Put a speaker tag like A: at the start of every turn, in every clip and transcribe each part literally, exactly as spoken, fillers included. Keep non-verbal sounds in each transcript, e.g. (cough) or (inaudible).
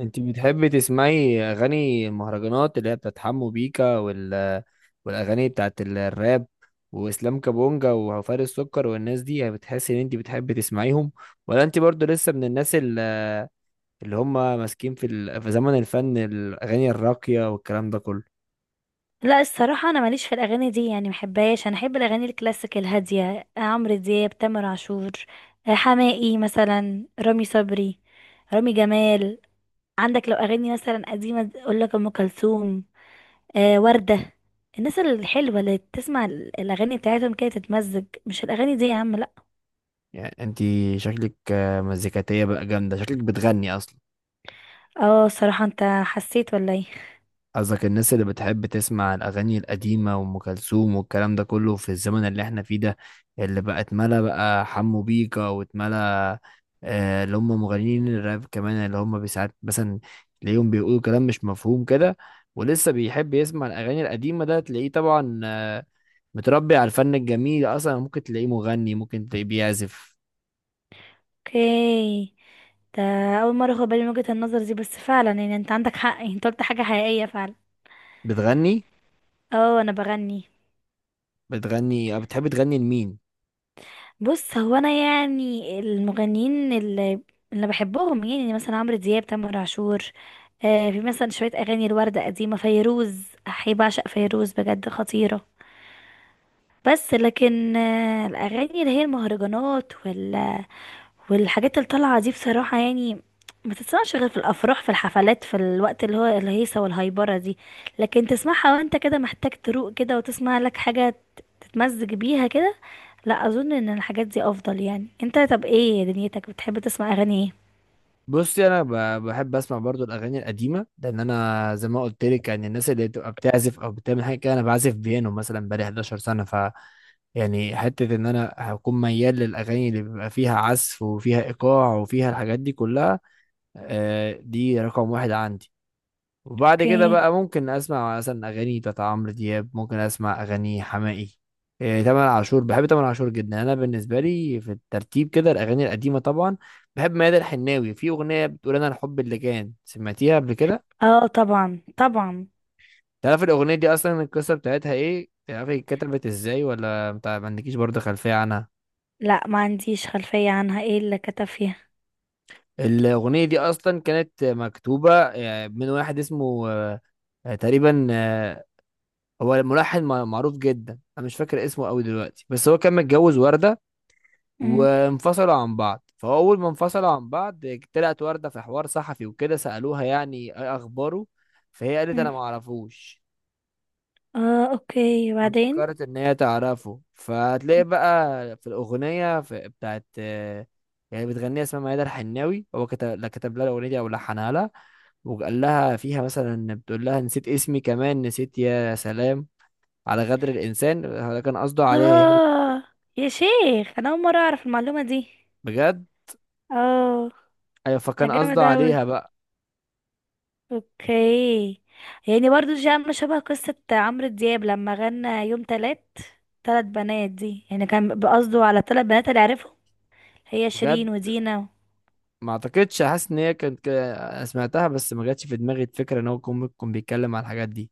A: انت بتحبي تسمعي اغاني مهرجانات اللي هي بتاعت حمو بيكا وال... والاغاني بتاعت ال- الراب واسلام كابونجا وفارس السكر والناس دي يعني بتحسي ان انت بتحبي تسمعيهم؟ ولا انت برضو لسه من الناس ال- اللي هم ماسكين في ال... في زمن الفن الاغاني الراقية والكلام ده كله؟
B: لا، الصراحة أنا ماليش في الأغاني دي، يعني محبهاش. أنا أحب الأغاني الكلاسيك الهادية، عمرو دياب، تامر عاشور، آه، حماقي مثلا، رامي صبري، رامي جمال. عندك لو أغاني مثلا قديمة أقول لك أم كلثوم، آه، وردة. الناس الحلوة اللي تسمع ال- الأغاني بتاعتهم كده تتمزج، مش الأغاني دي يا عم، لأ.
A: يعني انت شكلك آه، مزيكاتية بقى جامدة، شكلك بتغني اصلا.
B: اه، الصراحة أنت حسيت ولا ايه؟
A: قصدك الناس اللي بتحب تسمع الأغاني القديمة وأم كلثوم والكلام ده كله في الزمن اللي احنا فيه ده، اللي بقى اتملى بقى حمو بيكا واتملى آه، اللي هم مغنيين الراب، كمان اللي هم ساعات مثلا تلاقيهم بيقولوا كلام مش مفهوم كده، ولسه بيحب يسمع الأغاني القديمة، ده تلاقيه طبعا آه، متربي على الفن الجميل أصلا، ممكن تلاقيه مغني ممكن تلاقيه بيعزف
B: اوكي. ده أول مرة أخد بالي من وجهة النظر دي، بس فعلا يعني أنت عندك حق، يعني أنت قلت حاجة حقيقية فعلا.
A: بتغني.
B: اه، أنا بغني.
A: بتغني أو بتحب تغني لمين؟
B: بص، هو انا يعني المغنيين اللي اللي بحبهم، يعني مثلا عمرو دياب، تامر عاشور. آه في مثلا شويه اغاني الوردة قديمه، فيروز، احي بعشق فيروز بجد، خطيره. بس لكن آه الاغاني اللي هي المهرجانات وال والحاجات اللي طالعه دي بصراحه، يعني ما تتسمعش غير في الافراح، في الحفلات، في الوقت اللي هو الهيصه والهايبره دي. لكن تسمعها وانت كده محتاج تروق كده وتسمع لك حاجه تتمزج بيها كده، لا اظن ان الحاجات دي افضل. يعني انت طب ايه دنيتك، بتحب تسمع اغاني ايه؟
A: بصي انا ب- بحب اسمع برضو الاغاني القديمه، لان انا زي ما قلت لك يعني الناس اللي بتبقى بتعزف او بتعمل حاجه كده، انا بعزف بيانو مثلا بقالي حداشر سنة سنه، ف يعني حته ان انا هكون ميال للاغاني اللي بيبقى فيها عزف وفيها ايقاع وفيها الحاجات دي كلها. آه، دي رقم واحد عندي، وبعد كده
B: اوكي.
A: بقى ممكن اسمع مثلا اغاني بتاعت عمرو دياب، ممكن اسمع اغاني حماقي، إيه، تامر عاشور، بحب تامر عاشور جدا. انا بالنسبه لي في الترتيب كده الاغاني القديمه طبعا، بحب ميادة الحناوي في اغنيه بتقول انا الحب اللي كان، سمعتيها قبل كده؟
B: اه، طبعا طبعا.
A: تعرف الاغنيه دي اصلا القصه بتاعتها ايه، تعرف هي اتكتبت ازاي ولا انت ما عندكيش برضه خلفيه عنها؟
B: لا، ما عنديش خلفية عنها، ايه اللي كتب فيها؟
A: الاغنيه دي اصلا كانت مكتوبه آه، من واحد اسمه آه، تقريبا آه، هو ملحن مع- معروف جدا، انا مش فاكر اسمه قوي دلوقتي، بس هو كان متجوز وردة
B: مم.
A: وانفصلوا عن بعض، فهو اول ما انفصلوا عن بعض طلعت وردة في حوار صحفي وكده سألوها يعني ايه اخباره، فهي قالت
B: مم.
A: انا ما اعرفوش.
B: اه، اوكي، وبعدين؟
A: فكرت ان هي تعرفه، فهتلاقي بقى في الاغنية في بتاعت آه، يعني بتغنيها اسمها ميادة الحناوي، هو كتب لا كتب لها الاغنية دي او لحنها لها، وقال لها فيها مثلا بتقول لها نسيت اسمي كمان نسيت يا سلام على غدر الانسان، ده كان قصده عليها هي.
B: اه. يا شيخ، انا اول مرة اعرف المعلومة دي.
A: بجد.
B: اه،
A: ايوه،
B: ده
A: فكان
B: جامد
A: قصده
B: اوي.
A: عليها بقى.
B: اوكي. يعني برضو دي عاملة شبه قصة عمرو دياب لما غنى يوم تلات، تلات بنات دي، يعني كان بقصده على تلات بنات اللي عرفهم، هي
A: بجد،
B: شيرين ودينا.
A: ما اعتقدش حاسس ان هي كانت ك- أنا سمعتها بس ما جاتش في دماغي الفكره ان هو كون ممكن بيتكلم على الحاجات دي.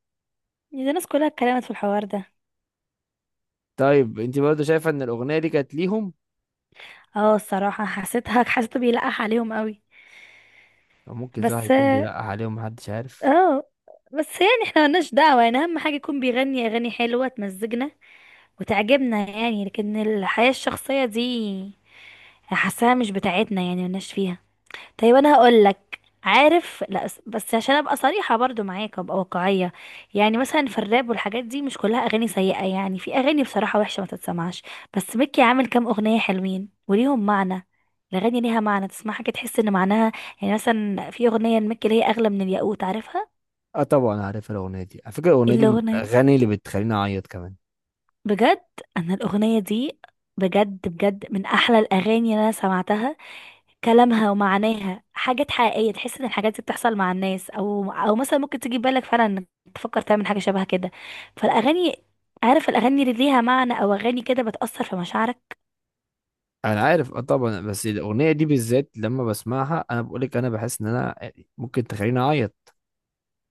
B: دي ناس كلها اتكلمت في الحوار ده.
A: طيب انت برضه شايفه ان الاغنيه دي كانت ليهم؟
B: اه، الصراحة حسيتها (laughs) حسيته بيلقح عليهم قوي.
A: او ممكن صح
B: بس.
A: يكون بيلقح عليهم، محدش عارف.
B: اه. بس يعني احنا ملناش دعوة، يعني اهم حاجة يكون بيغني اغاني حلوة تمزجنا وتعجبنا يعني، لكن الحياة الشخصية دي حاساها مش بتاعتنا، يعني ملناش فيها. طيب انا هقول لك، عارف، لا بس بس عشان ابقى صريحه برضو معاك وابقى واقعيه. يعني مثلا في الراب والحاجات دي مش كلها اغاني سيئه، يعني في اغاني بصراحه وحشه ما تتسمعش، بس ميكي عامل كام اغنيه حلوين وليهم معنى. الاغاني ليها معنى، تسمعها كده تحس ان معناها، يعني مثلا في اغنيه لميكي اللي هي اغلى من الياقوت، عارفها؟
A: اه طبعا عارف الاغنيه دي، على فكره الاغنيه
B: إيه
A: دي من
B: الاغنيه؟
A: الاغاني اللي بتخليني اعيط كمان.
B: بجد؟ انا الاغنيه دي بجد بجد من احلى الاغاني اللي انا سمعتها. كلامها ومعاناها حاجات حقيقية، تحس ان الحاجات دي بتحصل مع الناس، او او مثلا ممكن تيجي في بالك فعلا انك تفكر تعمل حاجة شبه كده. فالاغاني، عارف الاغاني اللي ليها معنى او اغاني كده بتأثر في مشاعرك.
A: انا عارف، اه طبعا، بس الاغنيه دي بالذات لما بسمعها انا بقولك انا بحس ان انا ممكن تخليني اعيط.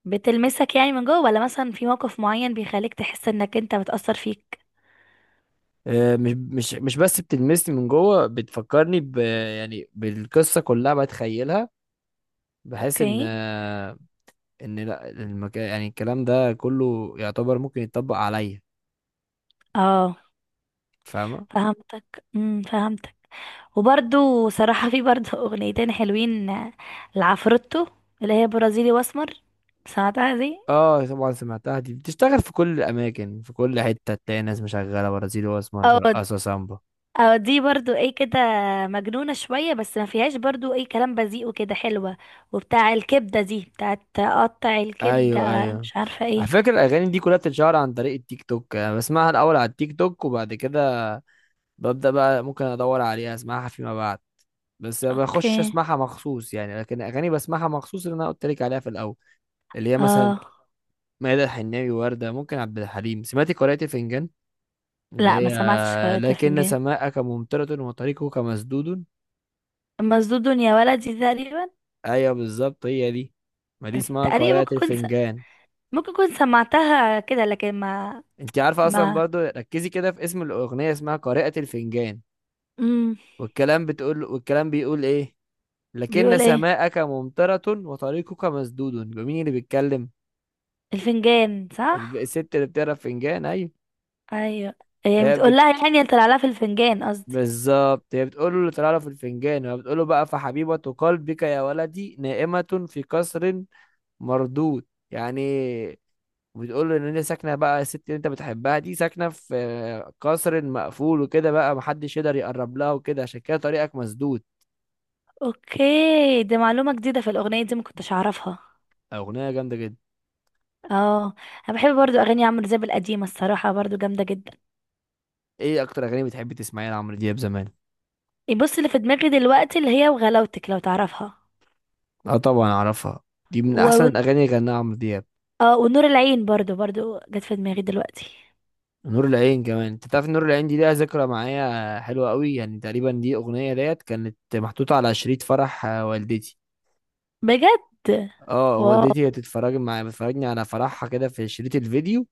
B: بتلمسك يعني من جوه، ولا مثلا في موقف معين بيخليك تحس انك انت بتأثر فيك؟
A: آه، مش مش مش بس بتلمسني من جوه، بتفكرني ب يعني بالقصه كلها، بتخيلها بحيث ان
B: اوكي.
A: ان لا المكان يعني الكلام ده كله يعتبر ممكن يتطبق عليا،
B: اه،
A: فاهمه؟
B: فهمتك امم فهمتك وبرده صراحة، في برده (laughs) اغنيتين حلوين، لعفروتو، اللي هي برازيلي واسمر. سمعتها دي؟
A: اه طبعا سمعتها، دي بتشتغل في كل الاماكن في كل حته تلاقي ناس مشغله برازيلي واسمر،
B: اه.
A: برقصه سامبا.
B: اه، دي برضو ايه كده، مجنونة شوية، بس ما فيهاش برضو ايه كلام بذيء وكده، حلوة. وبتاع الكبدة دي بتاعت قطع الكبدة،
A: ايوه ايوه،
B: مش عارفة
A: على
B: ايه.
A: فكره الاغاني دي كلها بتتشهر عن طريق التيك توك، انا بسمعها الاول على التيك توك وبعد كده ببدا بقى ممكن ادور عليها اسمعها فيما بعد، بس ما بخش
B: اوكي.
A: اسمعها مخصوص يعني. لكن اغاني بسمعها مخصوص اللي انا قلت لك عليها في الاول، اللي هي مثلا
B: اه.
A: ميادة الحناوي، وردة، ممكن عبد الحليم. سمعتي قارئة الفنجان اللي
B: لا، ما
A: هي
B: سمعتش قارئة
A: لكن
B: فنجان.
A: سماءك ممطرة وطريقك مسدود؟
B: مسدود يا ولدي تقريبا.
A: ايوه بالظبط هي دي، ما دي اسمها
B: تقريبا،
A: قارئة
B: ممكن كنت
A: الفنجان.
B: ممكن كنت سمعتها كده لكن ما.
A: انت عارفة اصلا،
B: ما.
A: برضو ركزي كده في اسم الاغنية، اسمها قارئة الفنجان،
B: امم
A: والكلام بتقول والكلام بيقول ايه، لكن
B: بيقول ايه
A: سماءك ممطرة وطريقك مسدود، يبقى مين اللي بيتكلم؟
B: الفنجان؟
A: الب-
B: صح.
A: الست اللي بتقرا فنجان، ايوه.
B: ايوه. يعني
A: فهي
B: بتقول
A: بت...
B: لها يعني طلع لها في الفنجان قصدي.
A: بالظبط هي بتقول له اللي طلع له في الفنجان، وهي بتقول له بقى فحبيبة قلبك يا ولدي نائمة في قصر مردود، يعني بتقول له ان هي ساكنة بقى الست اللي انت بتحبها دي ساكنة في آه، قصر مقفول وكده، بقى محدش يقدر يقرب لها وكده، عشان كده طريقك مسدود.
B: اوكي. دي معلومة جديدة في الأغنية دي، ما كنتش أعرفها.
A: اغنية جامدة جدا.
B: اه. انا بحب برضو اغاني عمرو دياب القديمه الصراحه برضو، جامده جدا.
A: ايه اكتر اغاني بتحب تسمعيها لعمرو دياب زمان؟
B: إيه، بص اللي في دماغي دلوقتي اللي هي وغلاوتك، لو تعرفها.
A: اه طبعا اعرفها، دي من
B: و...
A: احسن
B: و...
A: الاغاني اللي غناها عمرو دياب.
B: اه، ونور العين برضو برضو جت في دماغي دلوقتي.
A: نور العين كمان، انت تعرف إن نور العين دي ليها ذكرى معايا حلوة قوي؟ يعني تقريبا دي اغنية ديت كانت محطوطة على شريط فرح آه، والدتي.
B: بجد.
A: اه
B: واو.
A: والدتي هي تتفرج معايا، بتفرجني على فرحها كده في شريط الفيديو.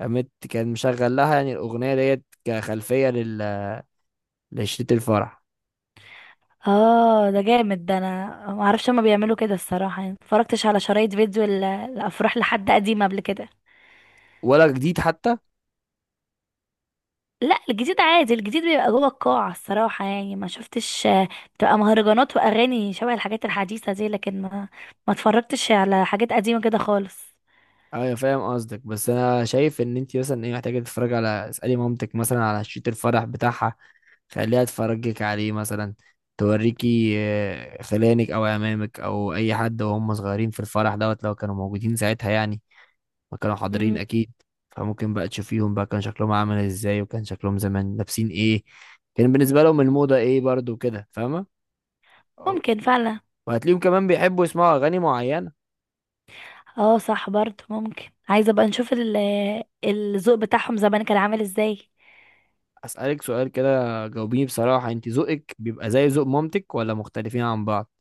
A: قامت كان مشغل لها يعني الاغنية ديت كخلفية لل لشريط الفرح.
B: اه، ده جامد. ده انا ما اعرفش هما بيعملوا كده الصراحه، يعني مفرجتش على شرايط فيديو ال- الافراح لحد قديم قبل كده.
A: ولا جديد حتى؟
B: لا، الجديد عادي، الجديد بيبقى جوه القاعة الصراحة، يعني ما شفتش، آه، بتبقى مهرجانات وأغاني شبه الحاجات الحديثة دي، لكن ما ما اتفرجتش على حاجات قديمة كده خالص.
A: ايوه فاهم قصدك، بس انا شايف ان انت مثلا ايه محتاجة تتفرج على، اسألي مامتك مثلا على شريط الفرح بتاعها، خليها تفرجك عليه مثلا، توريكي آه، خلانك او امامك او اي حد وهم صغيرين في الفرح دوت لو كانوا موجودين ساعتها يعني، ما كانوا حاضرين
B: مم.
A: اكيد. فممكن بقى تشوفيهم بقى كان شكلهم عامل ازاي، وكان شكلهم زمان لابسين ايه، كان بالنسبة لهم الموضة ايه برضو كده، فاهمة؟
B: ممكن فعلا.
A: وهتلاقيهم كمان بيحبوا يسمعوا اغاني معينة.
B: اه، صح برضه. ممكن عايزة بقى نشوف ال- آه، الذوق بتاعهم زمان كان عامل ازاي.
A: اسألك سؤال كده، جاوبيني بصراحة، انت ذوقك بيبقى زي ذوق مامتك ولا مختلفين عن بعض؟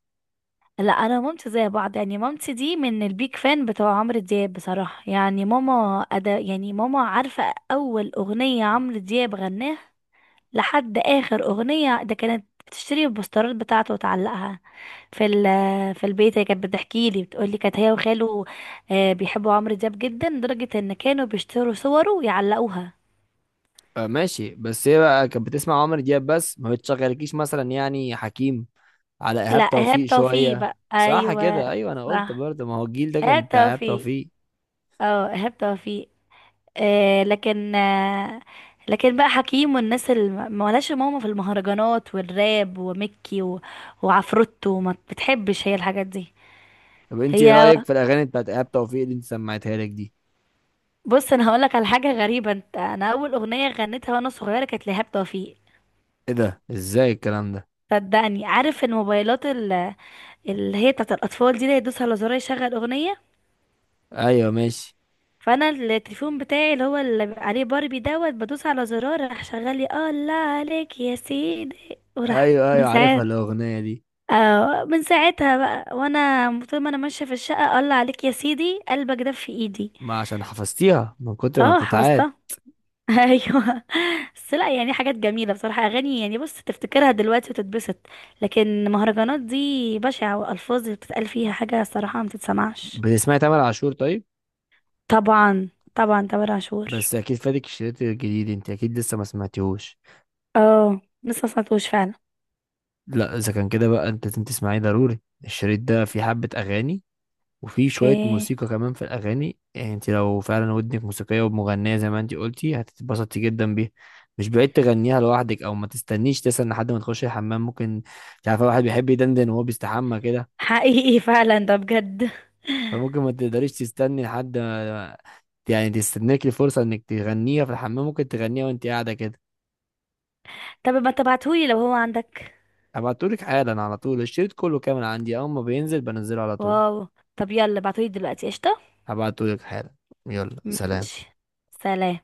B: لا، انا ومامتي زي بعض يعني، مامتي دي من البيك فان بتوع عمرو دياب بصراحة، يعني ماما أدا يعني، ماما عارفة اول اغنية عمرو دياب غناها لحد اخر اغنيه. ده كانت بتشتري البوسترات بتاعته وتعلقها في ال في البيت. هي كانت بتحكي لي بتقول لي كانت هي وخاله آه، بيحبوا عمرو دياب جدا، لدرجه ان كانوا بيشتروا صوره ويعلقوها.
A: آه ماشي، بس هي بقى كانت بتسمع عمرو دياب بس، ما بتشغلكيش مثلا يعني حكيم؟ على
B: لا،
A: ايهاب توفيق
B: ايهاب توفيق
A: شويه؟
B: بقى،
A: صح
B: ايوه.
A: كده، ايوه انا قلت
B: صح،
A: برضه ما هو الجيل ده كان
B: ايهاب
A: بتاع ايهاب
B: توفيق.
A: توفيق.
B: اه، ايهاب توفيق. آه لكن آه لكن بقى حكيم والناس اللي ما لهاش ماما في المهرجانات والراب وميكي و... وعفروتو ما بتحبش هي الحاجات دي.
A: طب انت ايه
B: هي
A: رايك في الاغاني بتاعت ايهاب توفيق اللي انت سمعتها لك دي؟
B: بص، انا هقولك على حاجه غريبه، انت انا اول اغنيه غنيتها وانا صغيره كانت لإيهاب توفيق.
A: ايه ده، ازاي الكلام ده؟
B: صدقني، عارف الموبايلات ال- اللي هي بتاعت الاطفال دي، اللي يدوس على زرار يشغل اغنيه؟
A: ايوه ماشي.
B: فانا التليفون بتاعي اللي هو اللي بيبقى عليه باربي دوت، بدوس على زرار راح شغال لي الله عليك يا سيدي، وراح
A: ايوه
B: من
A: ايوه عارفها
B: ساعات.
A: الاغنيه دي،
B: آه من ساعتها بقى وانا طول ما انا ماشيه في الشقه، الله عليك يا سيدي قلبك دب في ايدي.
A: ما عشان حفظتيها من كتر ما
B: اه،
A: بتتعاد.
B: حفظتها (laughs) ايوه. بس لا يعني حاجات جميله بصراحه، اغاني يعني بص تفتكرها دلوقتي وتتبسط، لكن مهرجانات دي بشعه والفاظ اللي بتتقال فيها حاجه صراحه ما تتسمعش.
A: بتسمعي تامر عاشور طيب؟
B: طبعا، طبعا تامر عاشور.
A: بس اكيد فاتك الشريط الجديد، انت اكيد لسه ما سمعتيهوش.
B: اه، لسه ما سمعتوش فعلا.
A: لا اذا كان كده بقى انت لازم تسمعيه ضروري، الشريط ده فيه حبه اغاني وفي شوية
B: اوكي.
A: موسيقى كمان في الأغاني، يعني انت لو فعلا ودنك موسيقية ومغنية زي ما انت قلتي هتتبسطي جدا بيها. مش بعيد تغنيها لوحدك، أو ما تستنيش تسأل لحد ما تخشي الحمام، ممكن مش عارفة واحد بيحب يدندن وهو بيستحمى كده،
B: حقيقي (laughs) فعلا، ده بجد.
A: فممكن ما تقدريش تستني لحد ما- يعني تستناك الفرصة انك تغنيها في الحمام، ممكن تغنيها وانت قاعدة كده.
B: طب ما تبعتهولي لو هو عندك.
A: هبعتهولك حالا على طول، الشريط كله كامل عندي أول ما بينزل بنزله على طول.
B: واو. طب يلا ابعتهولي دلوقتي، قشطه.
A: هبعتهولك حالا. يلا سلام.
B: ماشي. سلام.